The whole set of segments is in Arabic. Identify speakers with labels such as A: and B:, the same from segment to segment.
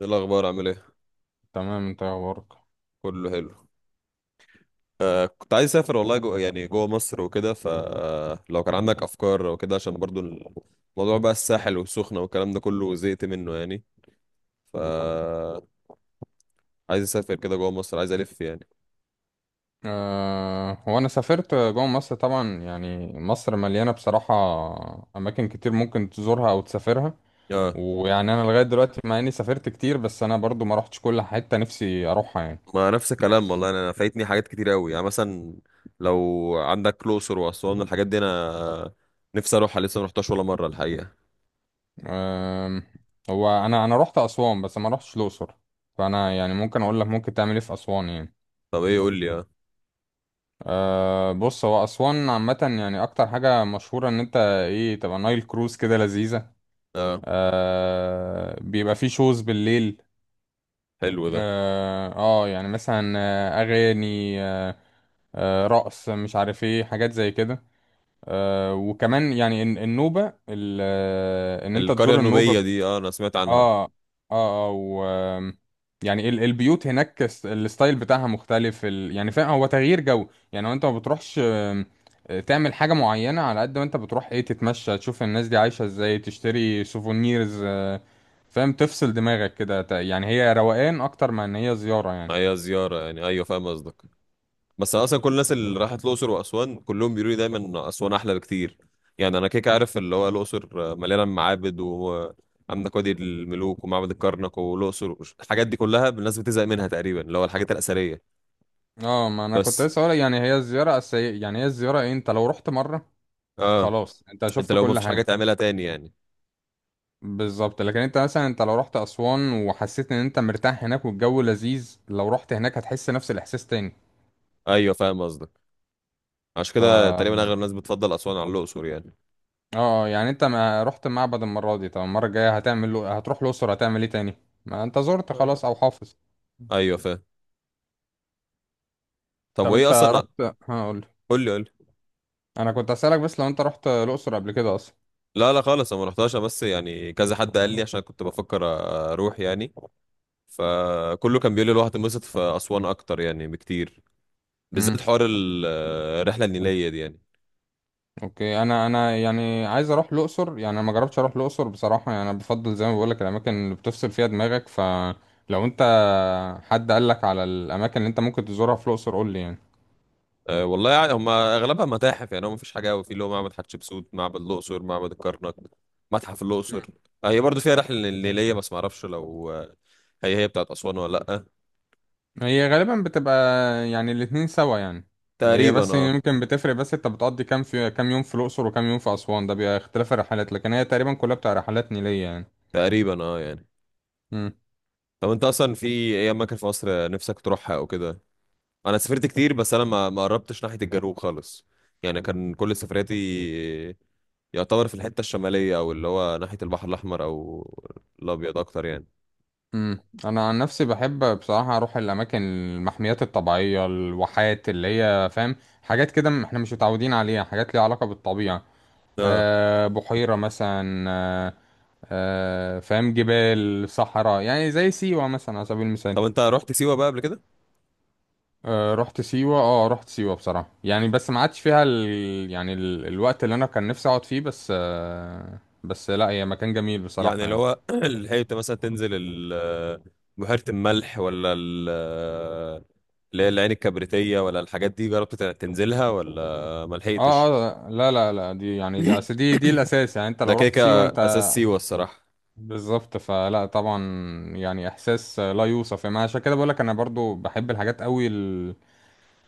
A: ايه الاخبار؟ عامل ايه؟
B: تمام، انت إيه اخبارك؟
A: كله حلو. كنت عايز اسافر والله، جو يعني جوه مصر وكده، فلو كان عندك افكار او كده، عشان برضو الموضوع بقى الساحل والسخنه والكلام ده كله، زهقت منه يعني. ف عايز اسافر كده جوه مصر، عايز الف يعني.
B: هو انا سافرت جوه مصر طبعا، يعني مصر مليانه بصراحه اماكن كتير ممكن تزورها او تسافرها.
A: اه،
B: ويعني انا لغايه دلوقتي، مع اني سافرت كتير، بس انا برضو ما روحتش كل حته نفسي اروحها يعني.
A: ما نفس الكلام
B: بس
A: والله. أنا فايتني حاجات كتير قوي، يعني مثلا لو عندك الاقصر واسوان، الحاجات دي انا نفسي اروحها، لسه ما رحتهاش ولا مره الحقيقه.
B: أه هو انا روحت اسوان، بس ما روحتش الاقصر. فانا يعني ممكن اقول لك ممكن تعمل ايه في اسوان يعني.
A: طب ايه؟ قول لي. اه،
B: بص، هو اسوان عامه يعني اكتر حاجه مشهوره ان انت ايه تبقى نايل كروز، كده لذيذه.
A: اه
B: بيبقى فيه شوز بالليل.
A: حلو ده.
B: اه، يعني مثلا اغاني رقص، مش عارف ايه، حاجات زي كده. وكمان يعني النوبة ان انت
A: القريه
B: تزور النوبة.
A: النوبيه دي، اه انا سمعت عنها.
B: اه، اه، اه. و آم، يعني البيوت هناك الستايل بتاعها مختلف يعني فاهم، هو تغيير جو. يعني هو انت ما بتروحش تعمل حاجة معينة، على قد ما انت بتروح ايه، تتمشى، تشوف الناس دي عايشة ازاي، تشتري سوفونيرز فاهم، تفصل دماغك كده يعني هي روقان اكتر ما ان هي زيارة يعني.
A: هي زياره، يعني ايوه فاهم قصدك. بس انا اصلا كل الناس اللي راحت الاقصر واسوان كلهم بيقولوا لي دايما إن اسوان احلى بكتير. يعني انا كيك عارف، اللي هو الاقصر مليانه معابد، وعندك وادي الملوك ومعبد الكرنك والاقصر، الحاجات دي كلها الناس بتزهق منها تقريبا، اللي هو الحاجات الاثريه.
B: اه، ما انا كنت
A: بس
B: لسه هقول يعني هي الزيارة أساسية، يعني هي الزيارة إيه؟ انت لو رحت مرة
A: اه،
B: خلاص انت
A: انت
B: شفت
A: لو ما
B: كل
A: فيش حاجه
B: حاجة.
A: تعملها تاني يعني.
B: بالظبط، لكن انت مثلا انت لو رحت اسوان وحسيت ان انت مرتاح هناك والجو لذيذ، لو رحت هناك هتحس نفس الاحساس تاني.
A: ايوه فاهم قصدك. عشان
B: ف،
A: كده تقريبا اغلب الناس بتفضل اسوان على الاقصر يعني.
B: اه، يعني انت ما رحت معبد المره دي، طب المره الجايه هتعمل له، هتروح الاقصر هتعمل ايه تاني؟ ما انت زرت خلاص
A: آه،
B: او حافظ.
A: ايوه فاهم. طب
B: طب
A: وايه
B: انت
A: اصلا؟
B: رحت، هقول.
A: قول لي، قول لي.
B: انا كنت اسالك بس، لو انت رحت الاقصر قبل كده اصلا.
A: لا لا خالص، انا ما رحتهاش، أنا بس يعني كذا حد قال لي عشان كنت بفكر اروح يعني. فكله كان بيقول لي الواحد اتبسط في أسوان أكتر يعني، بكتير بالذات
B: امم
A: حوار الرحلة النيلية دي يعني.
B: اوكي، انا يعني عايز اروح الاقصر، يعني انا ما جربتش اروح الاقصر بصراحه، يعني انا بفضل زي ما بقول لك الاماكن اللي بتفصل فيها دماغك. فلو انت حد قال لك على الاماكن اللي انت ممكن تزورها في الاقصر، قول لي يعني.
A: والله يعني هم أغلبها متاحف، يعني هو مفيش حاجة أوي، في اللي هو معبد حتشبسوت، معبد الأقصر، معبد الكرنك، متحف الأقصر.
B: مم.
A: هي برضو فيها رحلة نيلية، بس معرفش لو هي بتاعت أسوان ولا لأ.
B: هي غالبا بتبقى يعني الاتنين سوا يعني. هي
A: تقريبا
B: بس
A: اه.
B: يمكن بتفرق، بس انت بتقضي كام في كام يوم في الاقصر وكام يوم في اسوان، ده بيبقى اختلاف الرحلات، لكن هي تقريبا كلها بتاع رحلات نيليه يعني.
A: تقريبا اه يعني.
B: مم.
A: طب انت اصلا في ايه اماكن في مصر نفسك تروحها او كده؟ انا سافرت كتير، بس انا ما قربتش ناحية الجنوب خالص. يعني كان كل سفرياتي يعتبر في الحتة الشمالية، أو اللي هو ناحية البحر الأحمر أو الأبيض أكتر يعني.
B: انا عن نفسي بحب بصراحه اروح الاماكن، المحميات الطبيعيه، الواحات، اللي هي فاهم، حاجات كده احنا مش متعودين عليها، حاجات ليها علاقه بالطبيعه.
A: اه.
B: بحيره مثلا فاهم، جبال، صحراء، يعني زي سيوه مثلا على سبيل المثال.
A: طب أنت رحت سيوة بقى قبل كده؟
B: رحت سيوه، اه رحت سيوه بصراحه يعني، بس ما عادش فيها يعني الوقت اللي انا كان نفسي اقعد فيه، بس بس لا هي مكان جميل
A: يعني
B: بصراحه
A: اللي
B: يعني.
A: هو لحقت مثلا تنزل بحيرة الملح، ولا اللي هي العين الكبريتية، ولا الحاجات دي جربت تنزلها ولا
B: اه،
A: ملحقتش؟
B: اه، لا، لا، لا، دي يعني دي اصل دي الاساس، يعني انت
A: ده
B: لو
A: كده
B: رحت سيوه
A: كده
B: انت.
A: أساس سيوة الصراحة.
B: بالظبط، فلا طبعا، يعني احساس لا يوصف، يعني عشان كده بقولك انا برضو بحب الحاجات قوي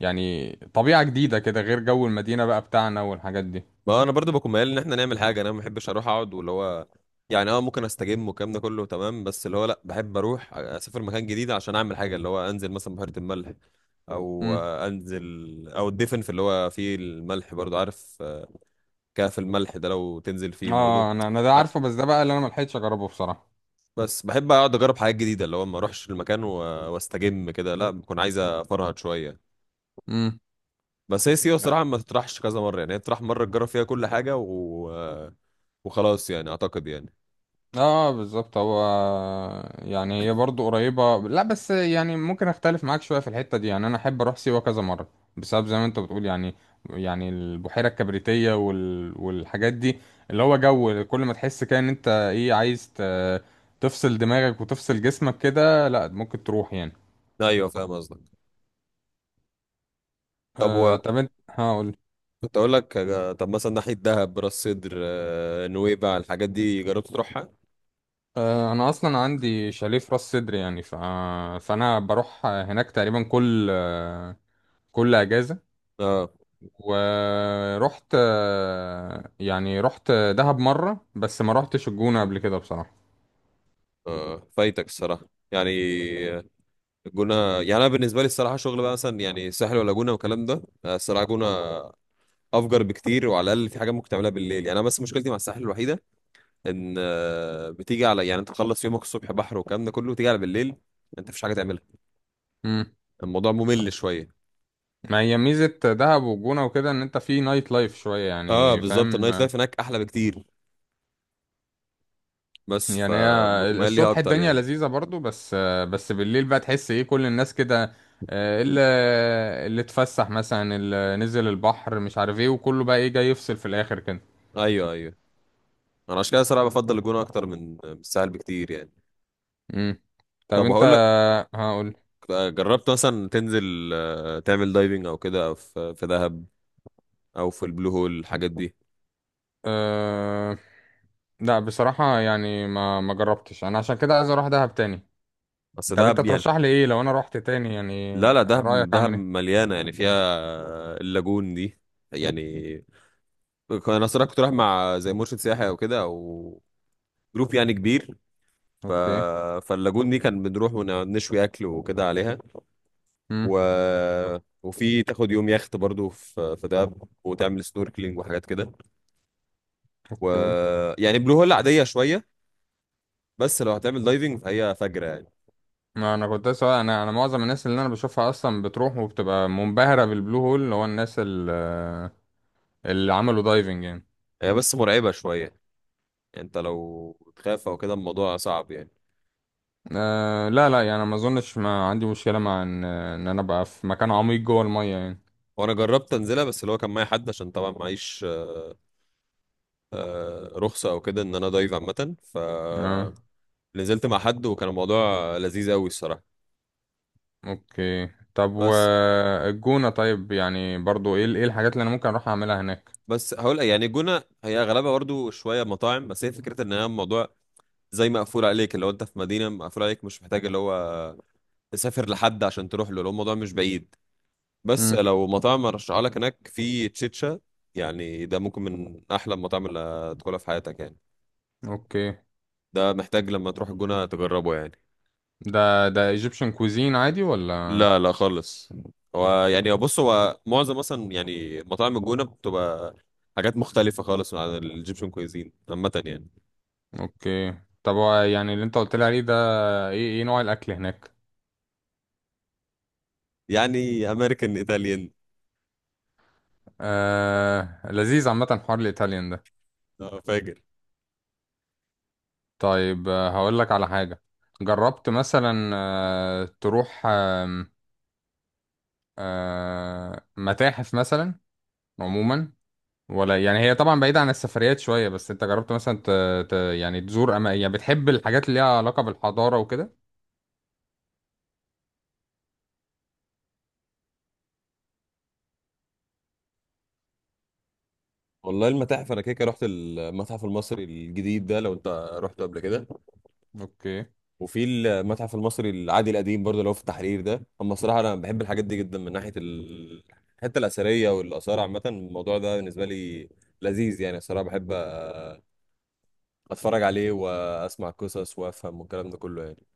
B: يعني طبيعة جديدة كده غير جو المدينة بقى بتاعنا والحاجات دي.
A: ما انا برضو بكون ميال ان احنا نعمل حاجه، انا ما بحبش اروح اقعد، واللي هو يعني اه ممكن استجم والكلام ده كله تمام، بس اللي هو لا، بحب اروح اسافر مكان جديد عشان اعمل حاجه، اللي هو انزل مثلا بحيره الملح، او
B: امم
A: انزل، او الدفن في اللي هو فيه الملح برضو، عارف كهف الملح ده، لو تنزل فيه برضو
B: اه، انا ده
A: عارف.
B: عارفه، بس ده بقى اللي انا ملحقتش اجربه بصراحة.
A: بس بحب اقعد اجرب حاجات جديده، اللي هو ما اروحش المكان واستجم كده، لا بكون عايز افرهد شويه.
B: امم
A: بس هي سيوه الصراحه ما تطرحش كذا مره، يعني هي تطرح مره تجرب فيها كل حاجه، وخلاص يعني، اعتقد يعني.
B: اه، بالظبط. هو يعني هي برضه قريبة، لا بس يعني ممكن اختلف معاك شوية في الحتة دي، يعني انا احب اروح سيوة كذا مرة بسبب زي ما انت بتقول يعني، البحيرة الكبريتية والحاجات دي، اللي هو جو كل ما تحس كده ان انت ايه عايز تفصل دماغك وتفصل جسمك كده، لا ممكن تروح يعني.
A: ايوه فاهم قصدك. طب
B: طب انت هقول.
A: كنت اقول لك، طب مثلا ناحيه دهب، راس سدر، نويبع، الحاجات دي جربت تروحها؟
B: انا اصلا عندي شاليه في راس سدر، يعني فانا بروح هناك تقريبا كل اجازة.
A: اه
B: ورحت، يعني رحت دهب مرة، بس ما رحتش الجونة قبل كده بصراحة.
A: اه، فايتك الصراحه يعني. آه، الجونه. يعني انا بالنسبه لي الصراحه شغل بقى، مثلا يعني ساحل ولا جونه والكلام ده، الصراحه جونه افجر بكتير، وعلى الاقل في حاجه ممكن تعملها بالليل يعني. انا بس مشكلتي مع الساحل الوحيده ان بتيجي على يعني، انت تخلص يومك الصبح بحر والكلام ده كله، تيجي على بالليل انت مفيش حاجه تعملها.
B: مم.
A: الموضوع ممل شويه.
B: ما هي ميزة دهب والجونة وكده ان انت في نايت لايف شوية
A: اه
B: يعني،
A: بالظبط، النايت
B: فاهم.
A: لايف هناك احلى بكتير، بس
B: يعني هي
A: فبكون مايل ليها
B: الصبح
A: اكتر
B: الدنيا
A: يعني.
B: لذيذة برضو، بس بالليل بقى تحس ايه كل الناس كده، آه، اللي اللي اتفسح مثلا، اللي نزل البحر، مش عارف ايه، وكله بقى ايه جاي يفصل في الاخر كده.
A: ايوه ايوه، انا عشان كده صراحه بفضل الجونه اكتر من الساحل بكتير يعني.
B: مم. طب
A: طب
B: انت
A: هقول لك،
B: هقول.
A: جربت مثلا تنزل تعمل دايفنج او كده في دهب، او في البلو هول الحاجات دي؟
B: أه... لا، بصراحة يعني ما جربتش انا، عشان كده عايز اروح دهب تاني.
A: بس
B: طب انت
A: دهب يعني.
B: ترشح لي ايه لو انا رحت تاني، يعني
A: لا لا،
B: رأيك
A: دهب دهب
B: اعمل ايه؟
A: مليانه، يعني فيها اللاجون دي. يعني انا صراحه كنت رايح مع زي مرشد سياحي او كده، او جروب يعني كبير. ف...
B: اوكي.
A: فاللاجون دي كان بنروح ونشوي اكل وكده عليها. و...
B: امم
A: وفي تاخد يوم يخت برضو في دهب، وتعمل سنوركلينج وحاجات كده. و
B: اوكي،
A: يعني بلو هول عادية شوية، بس لو هتعمل دايفنج فهي فجرة يعني.
B: ما انا كنت سواء انا معظم الناس اللي انا بشوفها اصلا بتروح وبتبقى منبهرة بالبلو هول، اللي هو الناس اللي عملوا دايفنج يعني.
A: هي بس مرعبة شوية يعني، انت لو تخاف او كده الموضوع صعب يعني.
B: لا، لا يعني ما اظنش، ما عندي مشكلة مع ان انا ابقى في مكان عميق جوه المية يعني.
A: وانا جربت انزلها، بس اللي هو كان معايا حد عشان طبعا معيش رخصة او كده ان انا دايف عامة،
B: اه،
A: نزلت مع حد وكان الموضوع لذيذ قوي الصراحة.
B: اوكي. طب
A: بس
B: والجونة طيب، يعني برضو ايه الحاجات اللي انا ممكن اروح اعملها هناك؟
A: بس هقول يعني الجونة هي اغلبها برضو شوية مطاعم، بس هي فكرة ان هي الموضوع زي مقفول عليك، اللي هو انت في مدينة مقفول عليك، مش محتاج اللي هو تسافر لحد عشان تروح له، لو الموضوع مش بعيد. بس لو مطاعم ارشحها لك هناك، في تشيتشا، يعني ده ممكن من احلى المطاعم اللي هتاكلها في حياتك يعني.
B: اوكي،
A: ده محتاج لما تروح الجونة تجربه يعني.
B: ده ايجيبشن كوزين عادي ولا؟
A: لا لا خالص. هو يعني بص، هو معظم مثلا يعني مطاعم الجونة بتبقى حاجات مختلفة خالص عن الايجيبشن كويزين عامة يعني.
B: اوكي. طب هو يعني اللي انت قلت لي عليه ده ايه ايه نوع الاكل هناك؟
A: يعني امريكان، ايطاليان.
B: لذيذ عامه، حوار الايطاليان ده.
A: فاجر.
B: طيب، هقول لك على حاجه. جربت مثلا تروح متاحف مثلا عموما، ولا يعني هي طبعا بعيده عن السفريات شويه، بس انت جربت مثلا يعني تزور يعني بتحب الحاجات اللي ليها علاقه بالحضاره وكده؟
A: والله المتاحف انا كده كده رحت المتحف المصري الجديد ده، لو انت رحته قبل كده.
B: اوكي.
A: وفي المتحف المصري العادي القديم برضه، اللي هو في التحرير ده. اما الصراحه انا بحب الحاجات دي جدا، من ناحيه الحته الاثريه والاثار عامه، الموضوع ده بالنسبه لي لذيذ يعني. الصراحه بحب اتفرج عليه واسمع قصص وافهم والكلام ده كله يعني.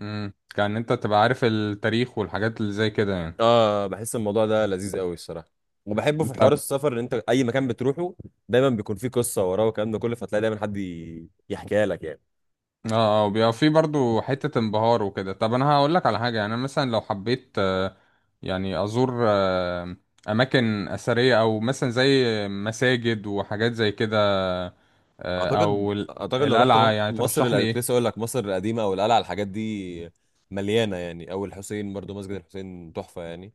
B: كان انت تبقى عارف التاريخ والحاجات اللي زي كده يعني.
A: اه بحس الموضوع ده لذيذ قوي الصراحه، وبحبه في
B: طب،
A: حوار السفر، ان انت اي مكان بتروحه دايما بيكون فيه قصه وراه والكلام ده كله، فتلاقي دايما حد يحكيها لك يعني.
B: اه، اه بيبقى في برضو حتة انبهار وكده. طب انا هقول لك على حاجة، يعني انا مثلا لو حبيت يعني ازور اماكن اثرية، او مثلا زي مساجد وحاجات زي كده، آه،
A: اعتقد
B: او ال-
A: اعتقد لو رحت
B: القلعة يعني،
A: مصر
B: ترشح لي
A: كنت
B: ايه؟
A: لسه اقول لك مصر القديمه او القلعه، الحاجات دي مليانه يعني. او الحسين برضو، مسجد الحسين تحفه يعني.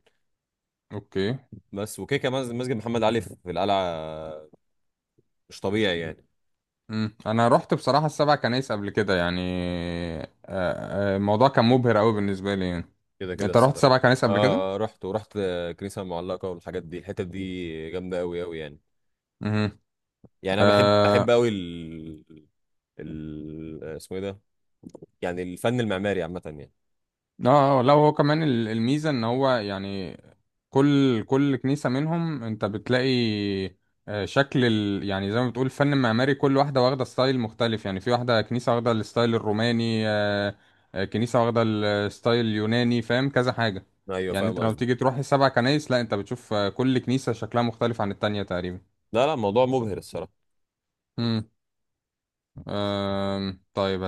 B: اوكي.
A: بس وكده كمان مسجد محمد علي في القلعه مش طبيعي يعني.
B: انا رحت بصراحة السبع كنايس قبل كده يعني، الموضوع كان مبهر قوي بالنسبة لي يعني.
A: كده كده
B: انت رحت
A: الصراحه.
B: سبع كنايس قبل كده؟
A: اه رحت ورحت الكنيسه المعلقه والحاجات دي، الحتت دي جامده قوي قوي يعني. يعني انا بحب
B: امم
A: قوي ال... اسمه ايه ده، يعني الفن المعماري عامه يعني.
B: اه، لا هو كمان الميزة ان هو يعني كل كنيسة منهم انت بتلاقي شكل يعني زي ما بتقول الفن المعماري، كل واحدة واخدة ستايل مختلف، يعني في واحدة كنيسة واخدة الستايل الروماني كنيسة واخدة الستايل اليوناني، فاهم كذا حاجة.
A: ايوه
B: يعني
A: فاهم
B: انت لو
A: قصدك.
B: تيجي تروح السبع كنايس، لا انت بتشوف كل كنيسة شكلها مختلف عن التانية تقريبا.
A: لا لا، موضوع مبهر الصراحه.
B: طيب.